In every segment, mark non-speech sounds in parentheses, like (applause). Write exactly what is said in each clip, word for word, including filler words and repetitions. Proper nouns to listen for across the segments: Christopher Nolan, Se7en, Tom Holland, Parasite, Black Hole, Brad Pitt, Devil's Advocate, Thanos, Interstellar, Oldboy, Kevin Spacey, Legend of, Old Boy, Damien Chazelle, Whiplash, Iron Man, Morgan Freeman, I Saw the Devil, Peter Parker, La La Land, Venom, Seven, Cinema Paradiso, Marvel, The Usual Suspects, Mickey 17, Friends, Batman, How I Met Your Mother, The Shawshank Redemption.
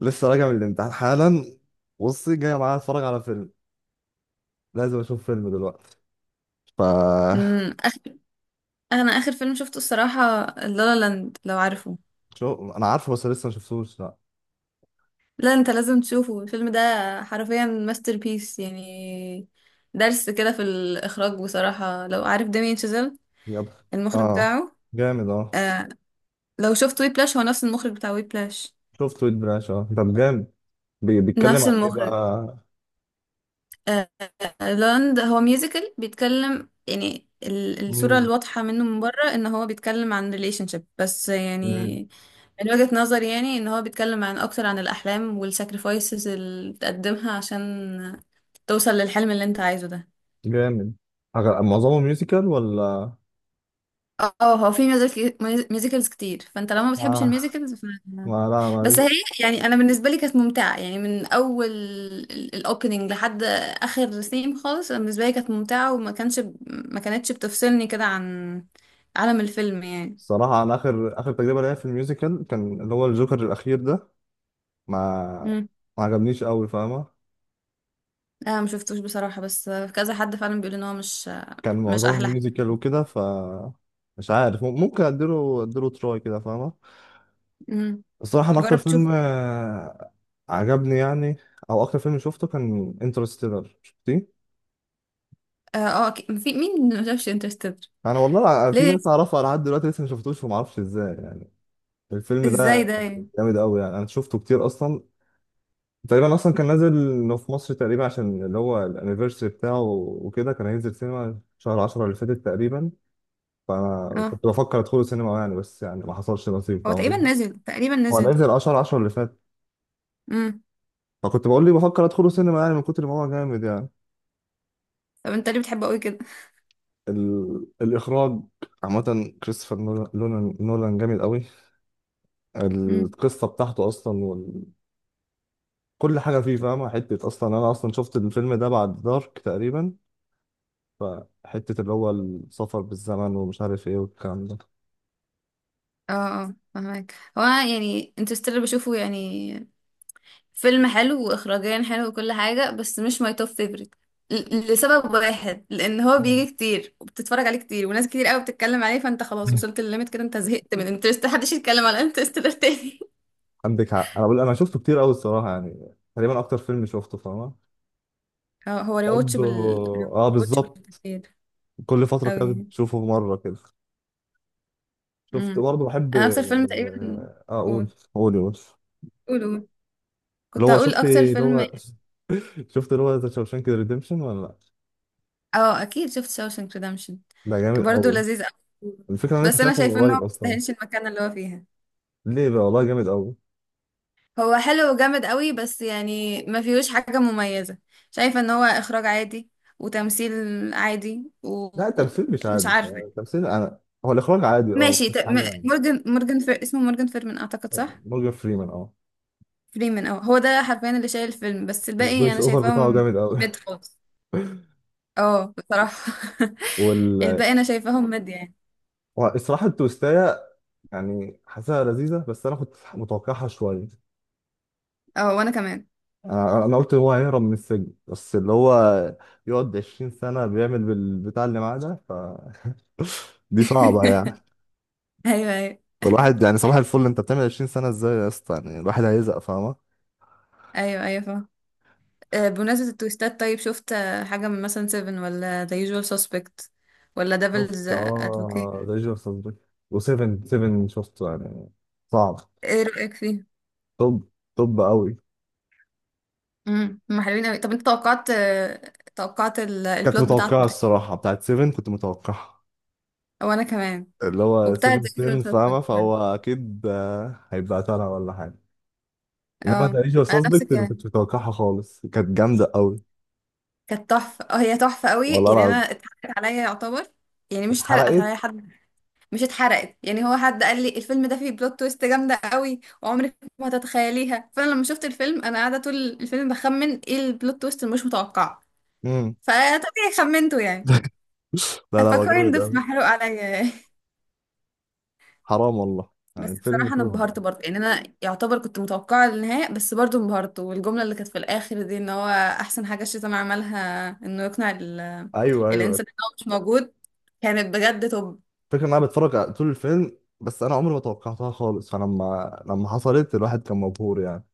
لسه راجع من الامتحان حالا. بصي، جاي معايا اتفرج على فيلم، لازم اشوف فيلم دلوقتي. ف امم آخر... انا اخر فيلم شفته الصراحه لالا لاند، لو عارفه. شو انا عارفه بس لسه ما شفتوش. لا، لا، انت لازم تشوفه الفيلم ده، حرفيا ماستر بيس يعني. درس كده في الاخراج بصراحه، لو عارف دامين شازيل يلا. المخرج اه بتاعه. جامد اه. آه. لو شفت وي بلاش، هو نفس المخرج بتاع وي بلاش، شفت ويد براش اه طب جامد. بي... بيتكلم نفس عن ايه المخرج. بقى؟ آه. آه، لاند هو ميوزيكال بيتكلم، يعني ال- الصوره مم. الواضحه منه من بره ان هو بيتكلم عن ريليشن شيب بس، مم. يعني من وجهة نظري يعني ان هو بيتكلم عن اكتر عن الاحلام والساكريفايسز اللي بتقدمها عشان توصل للحلم اللي انت عايزه ده. جامد. أغ- معظمه ميوزيكال ولا؟ اه، هو في ميوزك- ميوزيكلز كتير، فانت لو ما بتحبش آه. الميوزيكلز ف... ما لا بس ما هي يعني انا بالنسبه لي كانت ممتعه، يعني من اول الاوبننج لحد اخر سيم خالص. انا بالنسبه لي كانت ممتعه، وما كانش ما كانتش بتفصلني كده عن عالم الفيلم يعني. الصراحة أنا آخر آخر تجربة ليا في الميوزيكال كان اللي هو الجوكر الأخير ده، ما امم. ما عجبنيش قوي، فاهمة؟ لا، ما شفتوش بصراحه، بس كذا حد فعلا بيقول ان هو مش كان مش معظمه احلى حاجه. ميوزيكال وكده. ف مش عارف، مم- ممكن اديله اديله تراي كده، فاهمة؟ امم. الصراحة انا اكتر جرب تشوف. فيلم، آه، عجبني يعني، او اكتر فيلم شفته كان انترستيلر، شفتيه؟ اه، آه، أكيد. في مين ما شافش انترستيلر؟ انا والله الع- في ليه؟ ناس اعرفها لحد دلوقتي لسه ما شفتوش وما اعرفش ازاي يعني. الفيلم ازاي ده ده يعني؟ جامد قوي يعني، انا شفته كتير اصلا. تقريبا اصلا كان نازل إنه في مصر تقريبا عشان اللي هو الانيفرساري بتاعه وكده، كان هينزل سينما شهر عشرة اللي فاتت تقريبا، فانا اه، كنت بفكر ادخله سينما يعني، بس يعني ما حصلش نصيب. هو تقريبا نزل تقريبا هو نزل نزل اشهر عشرة اللي فات، امم. فكنت بقول لي بفكر ادخله سينما يعني، من كتر ما هو جامد يعني. طب انت ليه بتحبه قوي كده؟ ال... الاخراج عامه. كريستوفر نولان نولان نولان جامد قوي، امم. القصه بتاعته اصلا وال... كل حاجه فيه، فاهمه؟ حته اصلا انا اصلا شفت الفيلم ده بعد دارك تقريبا، فحته اللي هو السفر بالزمن ومش عارف ايه والكلام ده. اه اه، فهمك. هو أنا يعني انترستيلر بشوفه، يعني فيلم حلو واخراجيا حلو وكل حاجه، بس مش ماي توب فيفورت لسبب واحد: لان هو بيجي كتير وبتتفرج عليه كتير وناس كتير قوي بتتكلم عليه، فانت خلاص وصلت للليميت كده، انت زهقت من انترستيلر، محدش يتكلم على انترستيلر تاني. عندك حق، انا بقول انا شفته كتير قوي الصراحه يعني، تقريبا اكتر فيلم شفته، فاهمه؟ (laughs) اه، هو برضه. ريواتشبل، اه ريواتشبل (laughs) بالظبط. كتير كل فتره قوي كده يعني. بشوفه مره كده. شفت، امم. برضه بحب انا اكتر فيلم تقريبا. آه، اقول، قول. قول يا باشا. قول قول. اللي كنت هو هقول شفت اكتر اللي فيلم. هو (laughs) شفت اللي هو ذا شاوشانك ريديمشن ولا لا؟ اه، اكيد شفت شاوشانك ريدمشن، ده جامد برضه قوي. لذيذ قوي. الفكره انا لسه بس انا شايفه من شايفه انه ما قريب اصلا. يستاهلش المكان اللي هو فيها. ليه بقى؟ والله جامد قوي. هو حلو وجامد قوي، بس يعني ما فيهوش حاجه مميزه. شايفه ان هو اخراج عادي، وتمثيل عادي، لا، التمثيل مش ومش عادي. عارفه. التمثيل انا، هو الاخراج عادي اه، ماشي. بس ت... حاجه م- يعني. مورجان مورجان فر... اسمه مورجان فيرمن اعتقد، صح؟ مورجان فريمان اه، فريمن، اه، هو ده حرفيا اللي شايل الفيلم، بس الباقي الفويس انا اوفر بتاعه شايفاهم جامد قوي. ميد خالص. اه بصراحة. (laughs) (laughs) وال الباقي انا شايفاهم مد يعني. الصراحه التوستايه يعني، حاسسها لذيذه بس انا كنت متوقعها شويه. اه وانا كمان. انا أنا قلت هو هيهرب من السجن، بس اللي هو يقعد عشرين سنة بيعمل بالبتاع اللي معاه ده، فدي صعبة يعني. (laughs) ايوه ايوه. الواحد يعني صباح الفل، انت بتعمل عشرين سنة ازاي يا اسطى يعني، الواحد هيزق، فاهمة؟ ايوه ايوه فاهم. آه، بمناسبة التويستات، طيب شفت آه، حاجة من مثلا سيفن ولا The Usual Suspect ولا شفت Devil's Advocate؟ اه ذا ليجند اوف و7 سفن شفته يعني، صعب. ايه رأيك فيه؟ طب طب قوي. امم، هم حلوين قوي. طب انت توقعت، آه، توقعت ال- كانت البلوت بتاعت متوقعة بتاع. الصراحة، بتاعت سفن كنت متوقعها، وانا كمان. اللي هو وبتاع سبعة The Usual عشرة Suspect فاهمة، برضه. فهو أكيد آه، هيبقى ترى ولا حاجة. إنما ذا اه، ليجند اوف انا نفس اللي ما الكلام. كنتش متوقعها خالص، كانت جامدة قوي. كانت تحفة، اه هي تحفة قوي يعني. انا والله اتحرقت عليا يعتبر، يعني مش اتحرقت اتحرقت. عليا حد، مش اتحرقت، يعني هو حد قال لي الفيلم ده فيه بلوت تويست جامده قوي وعمرك ما هتتخيليها، فانا لما شفت الفيلم انا قاعده طول الفيلم بخمن ايه البلوت تويست المش متوقعه، امم فطبيعي خمنته (laughs) يعني. لا، لا هو فكوين جامد ضيف قوي. محروق عليا (laughs) يعني. حرام والله، يعني بس الفيلم بصراحه انا انبهرت توب. برضه يعني، انا يعتبر كنت متوقعه النهايه بس برضه انبهرت. والجمله اللي كانت في الاخر دي ان هو احسن حاجه الشيطان عملها انه يقنع ال- ايوه، ايوه، الانسان ان هو مش موجود، كانت بجد توب. الفكره ان انا بتفرج على طول الفيلم بس انا عمري ما توقعتها خالص، فلما لما حصلت الواحد كان مبهور يعني.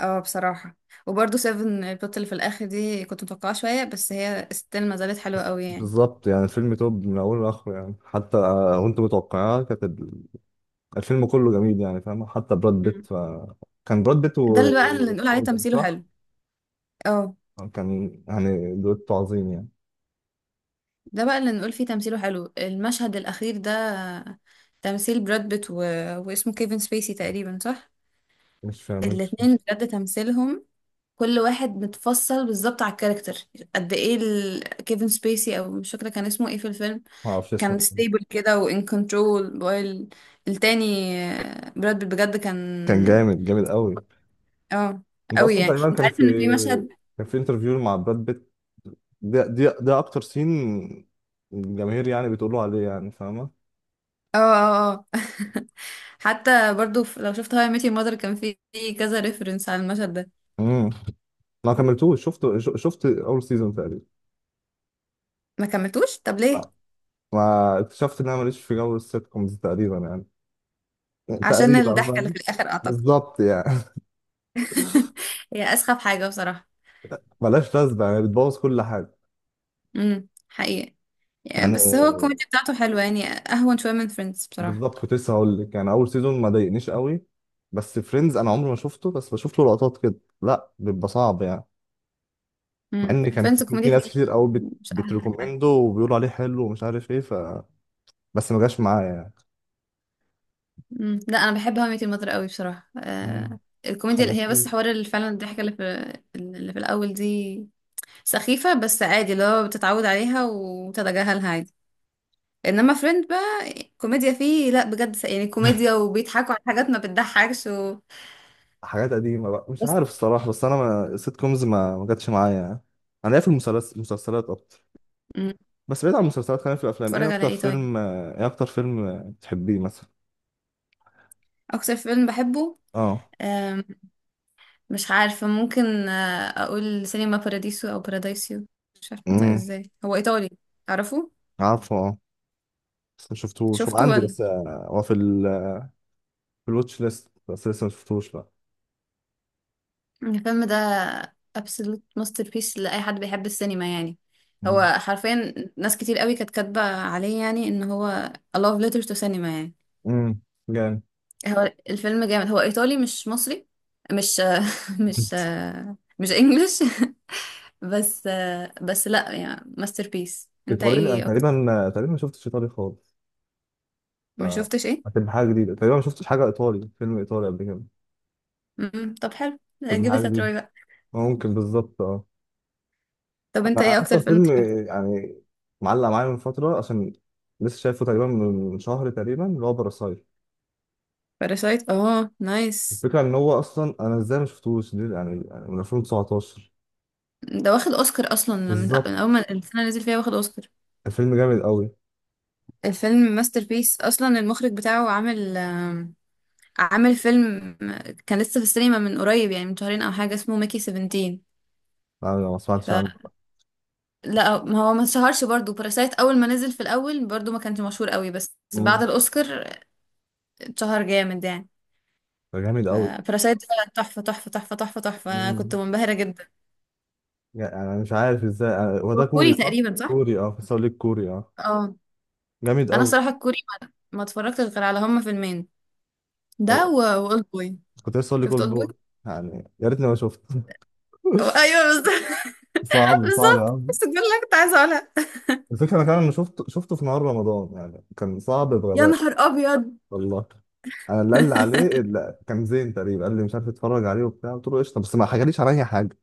اه بصراحة. وبرضه سيفن، البت اللي في الآخر دي كنت متوقعة شوية بس هي ستيل ما زالت حلوة بس قوي يعني. بالظبط يعني، الفيلم توب من اوله لاخره يعني، حتى وانت متوقعها. كانت ال- الفيلم كله جميل يعني، فاهم؟ حتى براد بيت مم. ف... كان براد بيت ده اللي بقى ومورجان، اللي نقول عليه تمثيله صح؟ حلو. اه. كان يعني دويتو عظيم يعني. ده بقى اللي نقول فيه تمثيله حلو، المشهد الأخير ده، تمثيل براد بيت و... واسمه كيفن سبيسي تقريبا، صح؟ مش مش الاتنين مش بجد تمثيلهم، كل واحد متفصل بالظبط على الكاركتر. قد ايه ال... كيفن سبيسي، او مش فاكرة كان اسمه ايه في الفيلم، ما اعرفش اسمه. كان ستيبل كده وان كنترول وايل. التاني آه، براد بيت بجد كان كان جامد جامد قوي. اه انت قوي اصلا يعني. تقريبا انت كان عارف في، ان في مشهد كان في انترفيو مع براد بيت، ده دي ده اكتر سين الجماهير يعني بتقولوا عليه يعني، فاهمه؟ اه اه اه (laughs) حتى برضو في- لو شفت هاي ميت يور مادر، كان في في كذا ريفرنس على المشهد ده. امم. ما كملتوش، شفت ش- شفت اول سيزون تقريبا. ما كملتوش، طب لا، ليه؟ ما اكتشفت ان انا ماليش في جو السيت كومز تقريبا يعني. عشان تقريبا، الضحكة اللي فاهم؟ في الاخر اعتقد. بالظبط يعني. (laughs) هي اسخف حاجة بصراحة. (laughs) ملهاش لازمه يعني، بتبوظ كل حاجه امم، حقيقة. يعني بس هو يعني. الكوميديا بتاعته حلوة، يعني اهون شوية من فريندز بصراحة. بالظبط، كنت لسه هقول لك يعني اول سيزون ما ضايقنيش قوي، بس فريندز انا عمري ما شفته، بس بشوف له لقطات كده، لا بيبقى صعب يعني. مع امم. ان كان فريندز في, في الكوميديا ناس فيه كتير قوي بت... مش احلى حاجة. بتريكومنده وبيقولوا عليه حلو ومش عارف ايه. ف بس ما جاش معايا يعني. مم. لا، انا بحب هاو ميت يور ماذر قوي بصراحه. مم. آه الكوميديا اللي هي بس خلصني. حوار، اللي فعلا الضحكه اللي في اللي في الاول دي سخيفه بس عادي، اللي هو بتتعود عليها وتتجاهلها عادي. انما فريند بقى كوميديا فيه لا بجد، س- يعني كوميديا وبيضحكوا على حاجات ما بتضحكش و... حاجات قديمه بقى مش بس. عارف الصراحه، بس انا ما... السيت كومز ما ما جاتش معايا يعني. انا ليا في المسلس- المسلسلات اكتر. مم. بس بعيد عن المسلسلات، خلينا في الافلام، ايه اتفرج على اكتر ايه طيب؟ فيلم، ايه اكتر فيلم بتحبيه مثلا؟ اكتر فيلم بحبه، اه. آم، مش عارفه، ممكن آه، اقول سينما باراديسو او بارادايسيو، مش عارفه انطق امم ازاي، هو ايطالي. تعرفه؟ عارفه اه، بس ما شفتوش، هو شفته عندي ولا؟ بس، آه، هو في ال... في الواتش ليست، بس لسه ما شفتوش بقى. الفيلم ده absolute masterpiece لأي حد بيحب السينما يعني. هو امم حرفيا ناس كتير قوي كانت كاتبة عليه يعني ان هو a love letter to cinema يعني. امم جامد. هو الفيلم جامد، هو ايطالي مش مصري، مش (laughs) مش (laughs) مش انجلش (laughs) بس بس لا يعني masterpiece. انت ايطالي؟ لا، ايه اكتر؟ تقريبا تقريبا ما شفتش ايطالي خالص. ما شفتش ايه؟ هتبقى حاجة جديدة، تقريبا ما شفتش حاجة إيطالي، فيلم إيطالي قبل كده، مم. طب حلو، هتبقى حاجة جيب جديدة. تروي بقى. آه، ممكن، بالظبط اه. طب انت أنا ايه اكتر أكتر فيلم فيلم بتحبه؟ يعني معلق معايا من فترة، عشان لسه شايفه تقريبا من شهر تقريبا، اللي هو باراسايت. باراسايت، اه نايس. الفكرة إن هو أصلا، أنا إزاي ما شفتوش دي يعني يعني من الفين وتسعتاشر. ده واخد اوسكار اصلا، من من بالظبط، اول ما السنه اللي نزل فيها واخد اوسكار. الفيلم جامد قوي، الفيلم ماستر بيس اصلا، المخرج بتاعه عامل آم، عامل فيلم كان لسه في السينما من قريب، يعني من شهرين او حاجه، اسمه ميكي سبعتاشر. أنا ما سمعتش فلا، عنه. ما هو ما اتشهرش برضه، باراسايت اول ما نزل في الاول برضه ما كانش مشهور قوي، بس بعد امم الاوسكار اتشهر جامد يعني. ده جامد قوي. فباراسايت ده تحفه تحفه تحفه تحفه تحفه، انا كنت امم منبهره جدا. يعني أنا مش عارف إزاي، أنا- هو ده هو كوري كوري صح؟ تقريبا، صح؟ كوري اه، كنت لك كوري اه، اه، جامد انا قوي. صراحه الكوري ما، ما اتفرجتش غير على هما فيلمين، ده أيوه، و- واولد بوي. كنت لسه أقول لك شفت أولد اولد بوي، بوي، يعني يا ريتني ما شفت. ايوه بالظبط (laughs) صعب صعب يا بالظبط، عم. بس دول اللي أنا كنت عايزه اقولها. الفكرة انا كمان، شفته شفته في نهار رمضان يعني، كان صعب يا بغباء. نهار ابيض. والله، انا اللي قال لي عليه (laughs) اللي كان زين تقريبا، قال لي مش عارف اتفرج عليه وبتاع، قلت له قشطه، بس ما حكاليش على اي حاجه.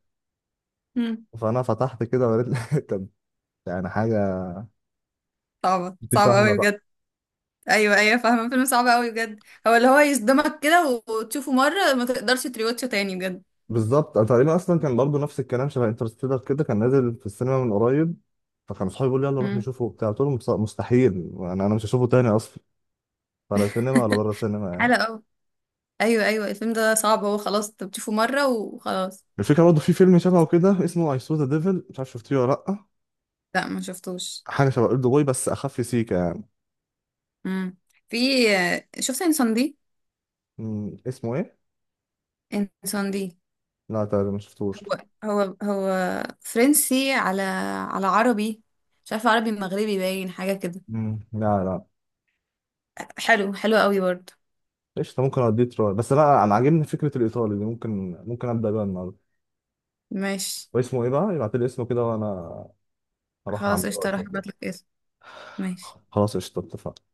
مم. فانا فتحت كده وريت لي (laughs) كان يعني حاجه، صعبة انت صعبة فاهمه قوي بقى؟ بجد. ايوه ايوه فاهمة، فيلم صعب قوي بجد، هو اللي هو يصدمك كده وتشوفه مرة ما تقدرش تريوتشه تاني بجد. بالظبط، أنا تقريبا اصلا كان برضو نفس الكلام، شبه انترستيلر كده، كان نازل في السينما من قريب، فكان اصحابي بيقولوا لي يلا نروح مم. نشوفه وبتاع، قلت لهم مستحيل. انا انا مش هشوفه تاني اصلا، ولا سينما ولا (laughs) بره سينما يعني. حلقة أوي. ايوه ايوه الفيلم ده صعب، هو خلاص انت بتشوفه مرة وخلاص. الفكره برضه في فيلم شبهه كده اسمه اي سو ذا ديفل، مش عارف شفتيه ولا لا. لا، ما شفتوش. حاجه شبه اولد بوي بس اخف سيكه يعني. مم. في. شفت انسان دي؟ مم، اسمه ايه؟ انسان دي، لا تقريبا ما شفتوش. هو هو هو فرنسي، على على عربي، مش عارفة، عربي مغربي باين، حاجة كده. مم، لا لا. حلو حلو قوي برضه. ايش، ممكن اوديه تراي، بس لا انا عاجبني فكره الايطالي دي، ممكن ممكن ابدا بيها النهارده. ماشي. واسمه ايه بقى، يبعت لي اسمه كده وانا اروح خلاص اعمله قشطة واشوفه. هبعتلك. ماشي. خلاص قشطه اتفقنا.